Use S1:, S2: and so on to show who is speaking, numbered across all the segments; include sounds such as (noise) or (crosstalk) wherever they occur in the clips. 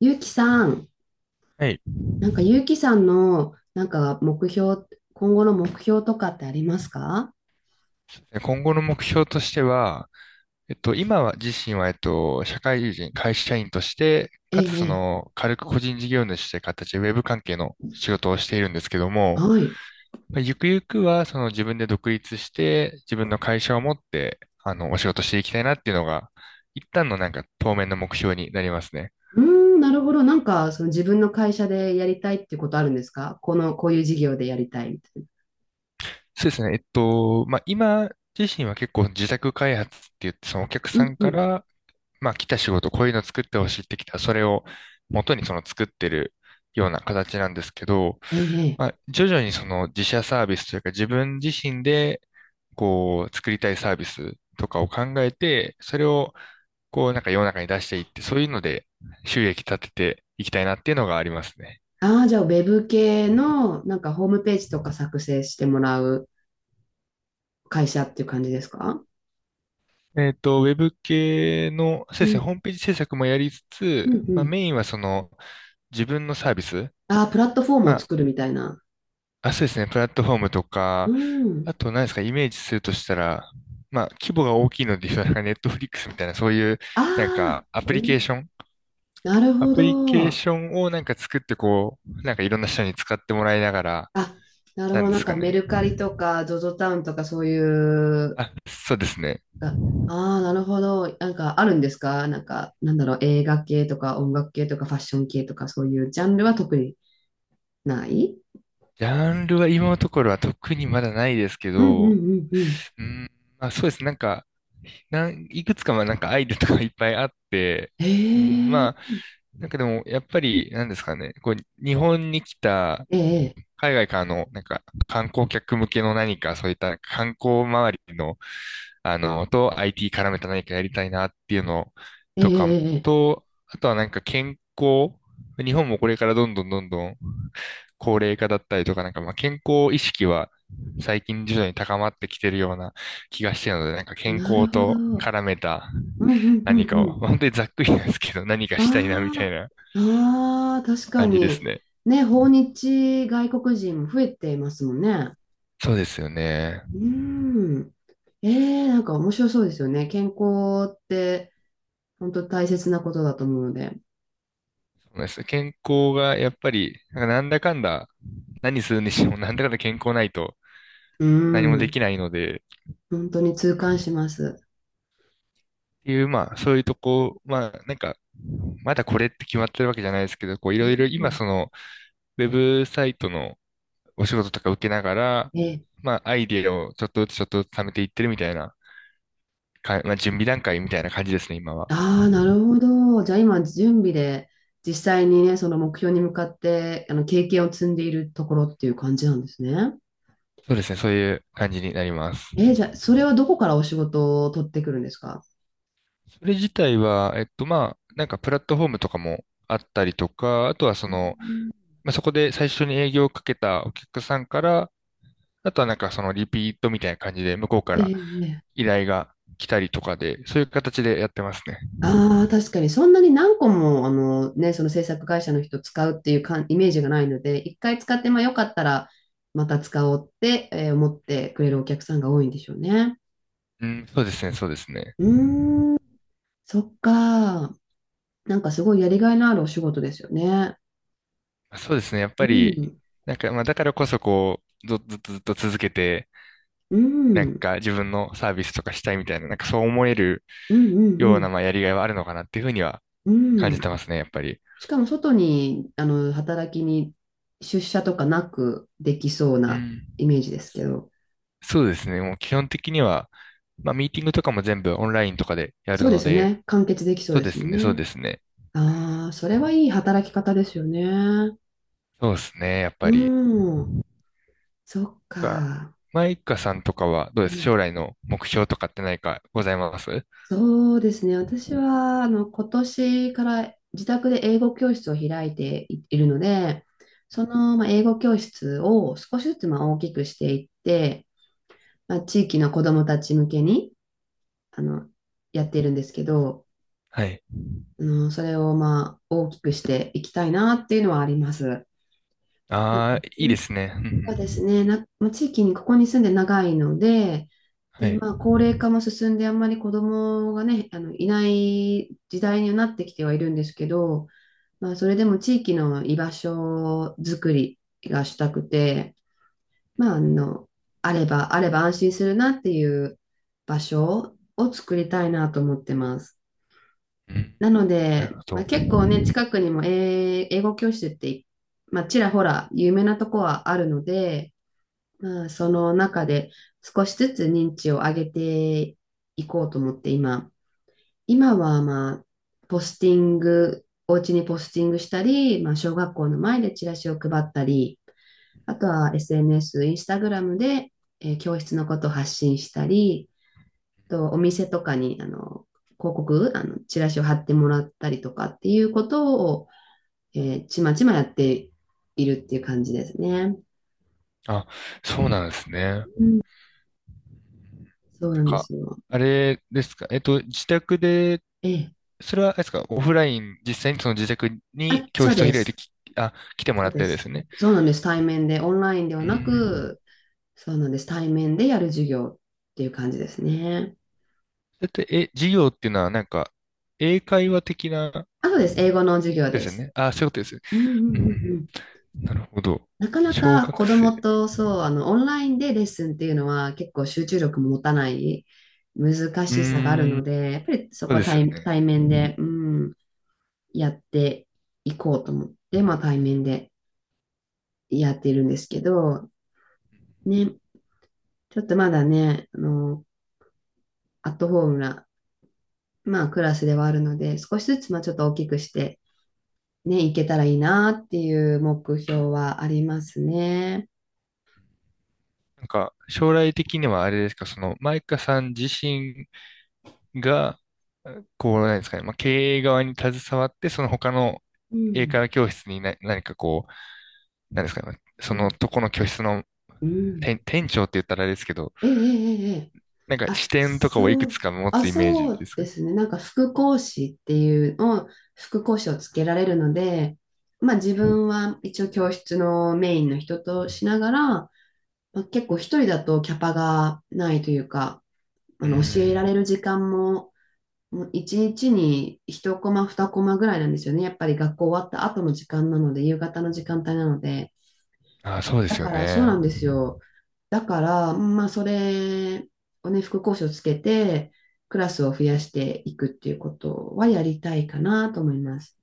S1: ゆうきさん、
S2: はい。
S1: ゆうきさんの、目標、今後の目標とかってありますか？
S2: 今後の目標としては、今は自身は、社会人、会社員として、
S1: え
S2: かつそ
S1: え、ええ。
S2: の、軽く個人事業主という形で、ウェブ関係の仕事をしているんですけども、
S1: はい。
S2: まあゆくゆくは、その自分で独立して、自分の会社を持って、お仕事していきたいなっていうのが、一旦のなんか、当面の目標になりますね。
S1: うーん、なるほど。その自分の会社でやりたいってことあるんですか？この、こういう事業でやりたいみたいな。
S2: そうですね。まあ、今自身は結構自宅開発って言って、そのお客
S1: う
S2: さ
S1: ん
S2: ん
S1: う
S2: か
S1: ん。
S2: ら、まあ、来た仕事、こういうの作ってほしいってきたそれを元にその作ってるような形なんですけど、
S1: ええ、え
S2: まあ、
S1: え。
S2: 徐々にその自社サービスというか自分自身で、こう、作りたいサービスとかを考えて、それを、こう、なんか世の中に出していって、そういうので収益立てていきたいなっていうのがありますね。
S1: ああ、じゃあ、ウェブ系の、ホームページとか作成してもらう会社っていう感じですか？
S2: ウェブ系の、そう
S1: う
S2: ですね、ホ
S1: ん、
S2: ームページ制作もやりつ
S1: う
S2: つ、
S1: ん、う
S2: まあ、
S1: ん。
S2: メインはその自分のサービス、
S1: ああ、プラットフォーム
S2: ま
S1: を
S2: あ、
S1: 作るみたいな。
S2: あ、そうですね。プラットフォームと
S1: う
S2: か、
S1: ん。
S2: あと何ですか、イメージするとしたら、まあ、規模が大きいので言うと、なんかネットフリックスみたいな、そういう、
S1: あ
S2: なん
S1: あ、
S2: か、アプ
S1: う
S2: リケー
S1: ん、
S2: ション
S1: なる
S2: ア
S1: ほ
S2: プリケー
S1: ど。
S2: ションをなんか作って、こう、なんかいろんな人に使ってもらいながら、
S1: あ、なる
S2: な
S1: ほ
S2: ん
S1: ど。
S2: で
S1: なん
S2: すか
S1: かメ
S2: ね。
S1: ルカリとか、ゾゾタウンとかそういう、
S2: あ、そうですね。
S1: ああー、なるほど。なんかあるんですか？なんか、なんだろう、映画系とか音楽系とかファッション系とかそういうジャンルは特にない？
S2: ジャンルは今のところは特にまだないですけ
S1: うんうんう
S2: ど、
S1: んうん。
S2: うん、まあそうですね。なんか、いくつかまあなんかアイデアとかいっぱいあって、うん、
S1: へえ、
S2: まあ、なんかでも、やっぱり、なんですかね、こう、日本に来た、
S1: ええ、
S2: 海外からの、なんか、観光客向けの何か、そういった観光周りの、IT 絡めた何かやりたいなっていうの
S1: ええ、
S2: とか、
S1: ええ、
S2: と、あとはなんか健康、日本もこれからどんどんどんどん高齢化だったりとか、なんかまあ健康意識は最近徐々に高まってきてるような気がしてるので、なんか健
S1: なる
S2: 康
S1: ほ
S2: と
S1: ど。
S2: 絡めた
S1: うんうんう
S2: 何
S1: んう
S2: か
S1: ん。
S2: を、まあ本当にざっくりなんですけど、何かしたいなみ
S1: あ
S2: た
S1: あ、
S2: いな
S1: ああ、確か
S2: 感じです
S1: に。
S2: ね。
S1: ね、訪日外国人も増えていますもんね。
S2: そうですよね。
S1: うーん。ええ、なんか面白そうですよね。健康って本当大切なことだと思うので。
S2: そうです健康がやっぱり、なんかなんだかんだ、何するにしてもなんだかんだ健康ないと
S1: う
S2: 何もで
S1: ん。
S2: きないので、っ
S1: 本当に痛感します。
S2: ていう、まあ、そういうとこ、まあ、なんか、まだこれって決まってるわけじゃないですけど、こう、い
S1: う
S2: ろいろ今、
S1: ん。
S2: その、ウェブサイトのお仕事とか受けながら、
S1: え、
S2: まあ、アイディアをちょっとずつちょっとずつ貯めていってるみたいな、か、まあ、準備段階みたいな感じですね、今は。
S1: ああ、なるほど。じゃあ今、準備で実際にね、その目標に向かって、あの、経験を積んでいるところっていう感じなんですね。
S2: そうですね、そういう感じになります。
S1: え、じゃあ、それはどこからお仕事を取ってくるんですか？
S2: それ自体は、まあ、なんかプラットフォームとかもあったりとか、あとはその、まあ、そこで最初に営業をかけたお客さんから、あとはなんかそのリピートみたいな感じで向こうか
S1: え
S2: ら
S1: え、ええ。
S2: 依頼が来たりとかで、そういう形でやってますね。
S1: ああ、確かに、そんなに何個も、あのね、その制作会社の人使うっていうかイメージがないので、一回使って、まあよかったら、また使おうって、思ってくれるお客さんが多いんでしょうね。
S2: うん、そうですね、そうですね。
S1: うーん、そっか。なんかすごいやりがいのあるお仕事ですよね。
S2: そうですね、やっ
S1: う
S2: ぱり、
S1: ん、
S2: なんか、まあ、だからこそこう、ずっとずっと続けて、
S1: う
S2: なん
S1: ん、
S2: か自分のサービスとかしたいみたいな、なんかそう思える
S1: うん、うん、
S2: よう
S1: うん。
S2: な、まあ、やりがいはあるのかなっていうふうには
S1: う
S2: 感じて
S1: ん、
S2: ますね、やっぱり。
S1: しかも外に、あの、働きに出社とかなくできそう
S2: う
S1: な
S2: ん。
S1: イメージですけど、
S2: そうですね、もう基本的には、まあ、ミーティングとかも全部オンラインとかでやる
S1: そうで
S2: の
S1: すよ
S2: で、
S1: ね。完結できそう
S2: そう
S1: で
S2: で
S1: すも
S2: す
S1: ん
S2: ね、そう
S1: ね。
S2: ですね。
S1: ああ、それはいい働き方ですよね。
S2: そうですね、やっぱり。
S1: うん、そっ
S2: が
S1: か。
S2: マイカさんとかはどうです
S1: え
S2: 将
S1: え、
S2: 来の目標とかって何かございますうん
S1: そうですね。私は、あの、今年から自宅で英語教室を開いていいるので、その、まあ、英語教室を少しずつ、まあ、大きくしていって、まあ、地域の子どもたち向けに、あの、やっているんですけど、
S2: はい。
S1: うん、それを、まあ、大きくしていきたいなっていうのはあります。
S2: ああ、いいですね。うんう
S1: そうです
S2: ん
S1: ね。な、まあ、地域にここに住んで長いので、
S2: は
S1: で、
S2: い。
S1: まあ、高齢化も進んで、あんまり子供がね、あの、いない時代にはなってきてはいるんですけど、まあ、それでも地域の居場所づくりがしたくて、まあ、あの、あれば、あれば安心するなっていう場所を作りたいなと思ってます。
S2: うん、
S1: なの
S2: なる
S1: で、
S2: ほ
S1: まあ、
S2: ど。
S1: 結構ね、近くにも英英語教室って、まあ、ちらほら有名なとこはあるので、まあ、その中で少しずつ認知を上げていこうと思って今、今はまあ、ポスティング、お家にポスティングしたり、まあ、小学校の前でチラシを配ったり、あとは SNS、インスタグラムで、教室のことを発信したり、とお店とかにあの広告、あのチラシを貼ってもらったりとかっていうことを、えちまちまやっているっていう感じですね。
S2: あ、そうなんですね。なん
S1: うん、そうなんで
S2: か、
S1: すよ。
S2: あれですか。自宅で
S1: ええ。
S2: それは、あれですか、オフライン、実際にその自宅に
S1: あ、
S2: 教
S1: そう
S2: 室を
S1: で
S2: 開いて
S1: す。
S2: き、あ、来ても
S1: そ
S2: ら
S1: う
S2: っ
S1: で
S2: てです
S1: す。
S2: ね。
S1: そうなんです。対面で、オンラインで
S2: う
S1: はな
S2: ん。
S1: く、そうなんです。対面でやる授業っていう感じですね。
S2: だって、え、授業っていうのは、なんか、英会話的なこ
S1: あとです。英語の授業
S2: とで
S1: で
S2: すよ
S1: す。
S2: ね。あ、そういうことですよね。
S1: うんうんうんうん。
S2: うん。なるほど。
S1: なかな
S2: 小
S1: か
S2: 学
S1: 子供
S2: 生。
S1: と、そう、あの、オンラインでレッスンっていうのは結構集中力も持たない難
S2: う
S1: しさがある
S2: ー
S1: の
S2: ん。
S1: で、やっぱりそ
S2: そ
S1: こ
S2: う
S1: は
S2: ですよ
S1: 対、
S2: ね。
S1: 対面で、うん、やっていこうと思って、まあ対面でやっているんですけど、ね、ちょっとまだね、あの、アットホームな、まあ、クラスではあるので、少しずつ、まあ、ちょっと大きくして、ね、いけたらいいなっていう目標はありますね。
S2: なんか、将来的にはあれですか、その、マイカさん自身が、こう、なんですかね、まあ、経営側に携わって、その他の
S1: う
S2: 英会
S1: ん、
S2: 話教室にな何かこなんですかね、そ
S1: う
S2: の
S1: ん、
S2: とこの居室の
S1: うん。
S2: 店長って言ったらあれですけど、
S1: ええええええ。
S2: なんか
S1: あ、
S2: 視点とかをいく
S1: そ
S2: つ
S1: う、
S2: か持
S1: あ、
S2: つイメー
S1: そ
S2: ジで
S1: う
S2: すか
S1: で
S2: ね。
S1: すね。副講師っていうのを、副講師をつけられるので、まあ自分は一応教室のメインの人としながら、まあ、結構一人だとキャパがないというか、あ
S2: うー
S1: の教えら
S2: ん。
S1: れる時間ももう一日に一コマ、二コマぐらいなんですよね。やっぱり学校終わった後の時間なので、夕方の時間帯なので。
S2: ああ、そうで
S1: だ
S2: すよ
S1: からそう
S2: ね。
S1: なんですよ。だから、まあそれをね、副講師をつけて、クラスを増やしていくっていうことはやりたいかなと思います。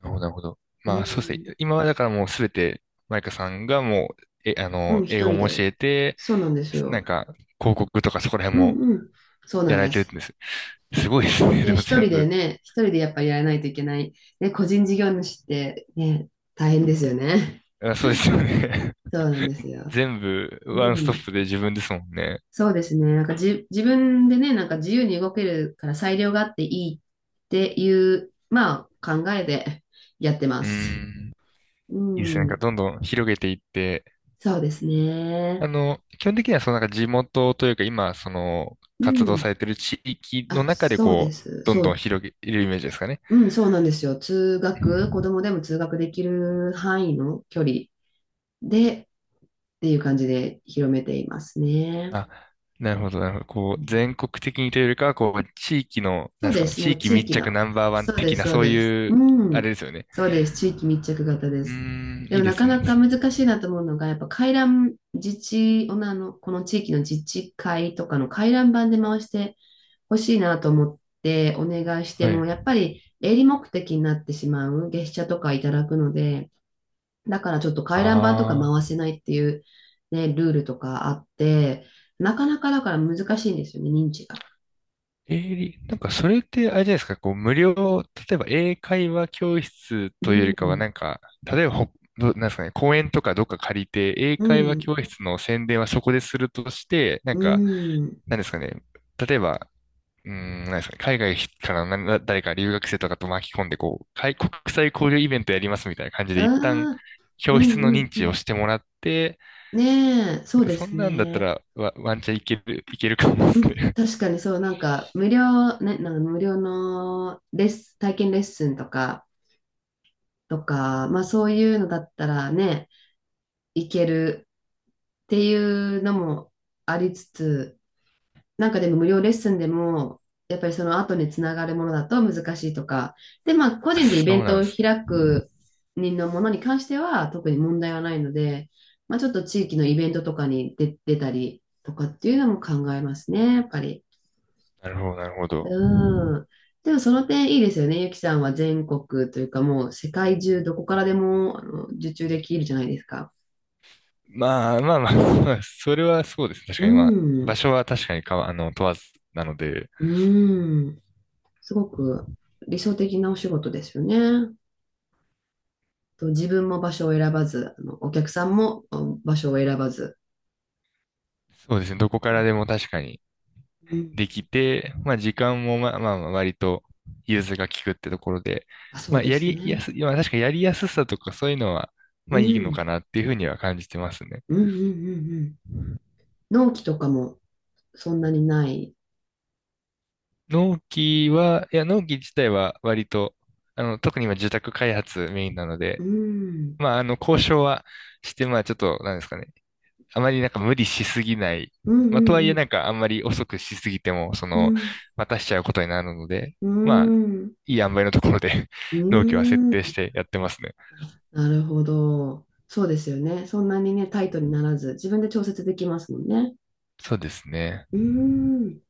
S2: なるほど、なるほど。
S1: う
S2: まあ、そうです
S1: ん、
S2: ね。今はだからもうすべて、マイカさんがもう、え、
S1: うん、
S2: 英
S1: 一
S2: 語
S1: 人
S2: も教
S1: で。
S2: えて、
S1: そうなんです
S2: な
S1: よ。
S2: んか、広告とかそこら
S1: う
S2: 辺
S1: ん
S2: も
S1: うん。そうな
S2: や
S1: ん
S2: られ
S1: で
S2: てるん
S1: す。
S2: です。すごいですね。
S1: い
S2: で
S1: や、
S2: も
S1: 一
S2: 全
S1: 人で
S2: 部。
S1: ね、一人でやっぱりやらないといけない。ね、個人事業主ってね、大変ですよね。
S2: あ、そうですよね。
S1: そうなんです
S2: (laughs)
S1: よ。
S2: 全部、ワン
S1: う
S2: スト
S1: ん。
S2: ップで自分ですもんね。
S1: そうですね。なんかじ、自分でね、なんか自由に動けるから裁量があっていいっていう、まあ、考えでやってま
S2: うー
S1: す。
S2: ん。
S1: う
S2: いいですね。なんか、
S1: ん。
S2: どんどん広げていって、
S1: そうですね。
S2: 基本的にはそのなんか地元というか今、その
S1: う
S2: 活動さ
S1: ん。
S2: れてる地域の
S1: あ、
S2: 中で
S1: そうで
S2: こう、
S1: す。
S2: どん
S1: そ
S2: どん
S1: う。
S2: 広げるイメージですかね。
S1: うん、そうなんですよ。通
S2: う
S1: 学、子
S2: ん
S1: 供でも通学できる範囲の距離でっていう感じで広めていますね。
S2: あ、なるほど、なるほど。こう、全国的にというよりかは、こう、地域の、な
S1: そ
S2: ん
S1: う
S2: です
S1: で
S2: かね、
S1: す。も
S2: 地
S1: う
S2: 域
S1: 地
S2: 密
S1: 域の。
S2: 着ナンバーワン
S1: そうで
S2: 的
S1: す、
S2: な、
S1: そう
S2: そう
S1: です。
S2: い
S1: う
S2: う、あ
S1: ん。
S2: れですよね。
S1: そうです。地域密着型で
S2: う
S1: す。
S2: ーん、
S1: で
S2: いい
S1: も
S2: で
S1: なか
S2: すね。
S1: なか難しいなと思うのが、やっぱ回覧自治、あの、この地域の自治会とかの回覧板で回してほしいなと思ってお願いして
S2: は
S1: も、
S2: い。
S1: やっぱり営利目的になってしまう月謝とかいただくので、だからちょっと回覧板とか
S2: ああ。
S1: 回せないっていうね、ルールとかあって、なかなかだから難しいんですよね、認知が。
S2: えー、なんかそれってあれじゃないですか、こう無料、例えば英会話教室
S1: う
S2: というよりかは
S1: ん。
S2: なんか、例えばほ、ど、なんですかね、公園とかどっか借りて、英
S1: う
S2: 会話
S1: ん。
S2: 教室の宣伝はそこでするとして、なん
S1: う
S2: か、
S1: ん。
S2: なんですかね、例えば、うーん、なんですかね、海外からの誰か留学生とかと巻き込んで、こう、海国際交流イベントやりますみたいな感じ
S1: あ
S2: で、一旦
S1: あ、う
S2: 教
S1: ん
S2: 室の
S1: うん
S2: 認
S1: う
S2: 知を
S1: ん。
S2: してもらって、
S1: ねえ、そ
S2: なん
S1: う
S2: か
S1: で
S2: そ
S1: す
S2: んなんだった
S1: ね。
S2: らワンチャンいける、いけるかもで
S1: う
S2: す
S1: ん、
S2: ね。
S1: 確かにそう、なんか無料、ね、なんか無料のレッス、体験レッスンとか、とか、まあそういうのだったらね、いけるっていうのもありつつ、なんかでも無料レッスンでも、やっぱりその後につながるものだと難しいとか、で、まあ、
S2: (laughs)
S1: 個
S2: あ、
S1: 人でイ
S2: そ
S1: ベ
S2: う
S1: ン
S2: なん
S1: ト
S2: で
S1: を
S2: すね
S1: 開く人のものに関しては特に問題はないので、まあ、ちょっと地域のイベントとかに出、出たりとかっていうのも考えますね、やっぱり。
S2: なるほど、なるほど。
S1: うん。でもその点いいですよね。ゆきさんは全国というかもう世界中どこからでもあの受注できるじゃないですか。
S2: まあまあまあ、まあ、(laughs) それはそうですね。確
S1: う
S2: かに、まあ、場
S1: ん。
S2: 所は確かにかわ、問わずなので、
S1: うん。すごく理想的なお仕事ですよね。と自分も場所を選ばず、あのお客さんもうん場所を選ばず。
S2: そうですね。どこからでも確かに
S1: うん。
S2: できて、まあ、時間もまあまあ、まあ割と融通が利くってところで、
S1: あ、そ
S2: ま
S1: う
S2: あ、
S1: で
S2: や
S1: す
S2: りや
S1: ね。
S2: す、まあ、確かにやりやすさとかそういうのは、ま
S1: う
S2: あ、いいのか
S1: ん。
S2: なっていうふうには感じてますね。
S1: うんうんうんうん、納期とかもそんなにない。
S2: 納期は、いや、納期自体は割と、特に今住宅開発メインなの
S1: う
S2: で、
S1: ん。
S2: まあ、交渉はして、まあ、ちょっと、なんですかね。あまりなんか無理しすぎない。
S1: うん
S2: まあ、とはい
S1: う
S2: え
S1: ん
S2: なんかあんまり遅くしすぎても、そ
S1: うん
S2: の、
S1: うん。
S2: 待たしちゃうことになるので、
S1: う
S2: まあ、
S1: ん。
S2: いい塩梅のところで
S1: う
S2: (laughs) 納期は設定し
S1: ん、
S2: てやってますね。
S1: なるほど。そうですよね。そんなにね、タイトにならず、自分で調節できますもんね。
S2: そうですね。
S1: うん。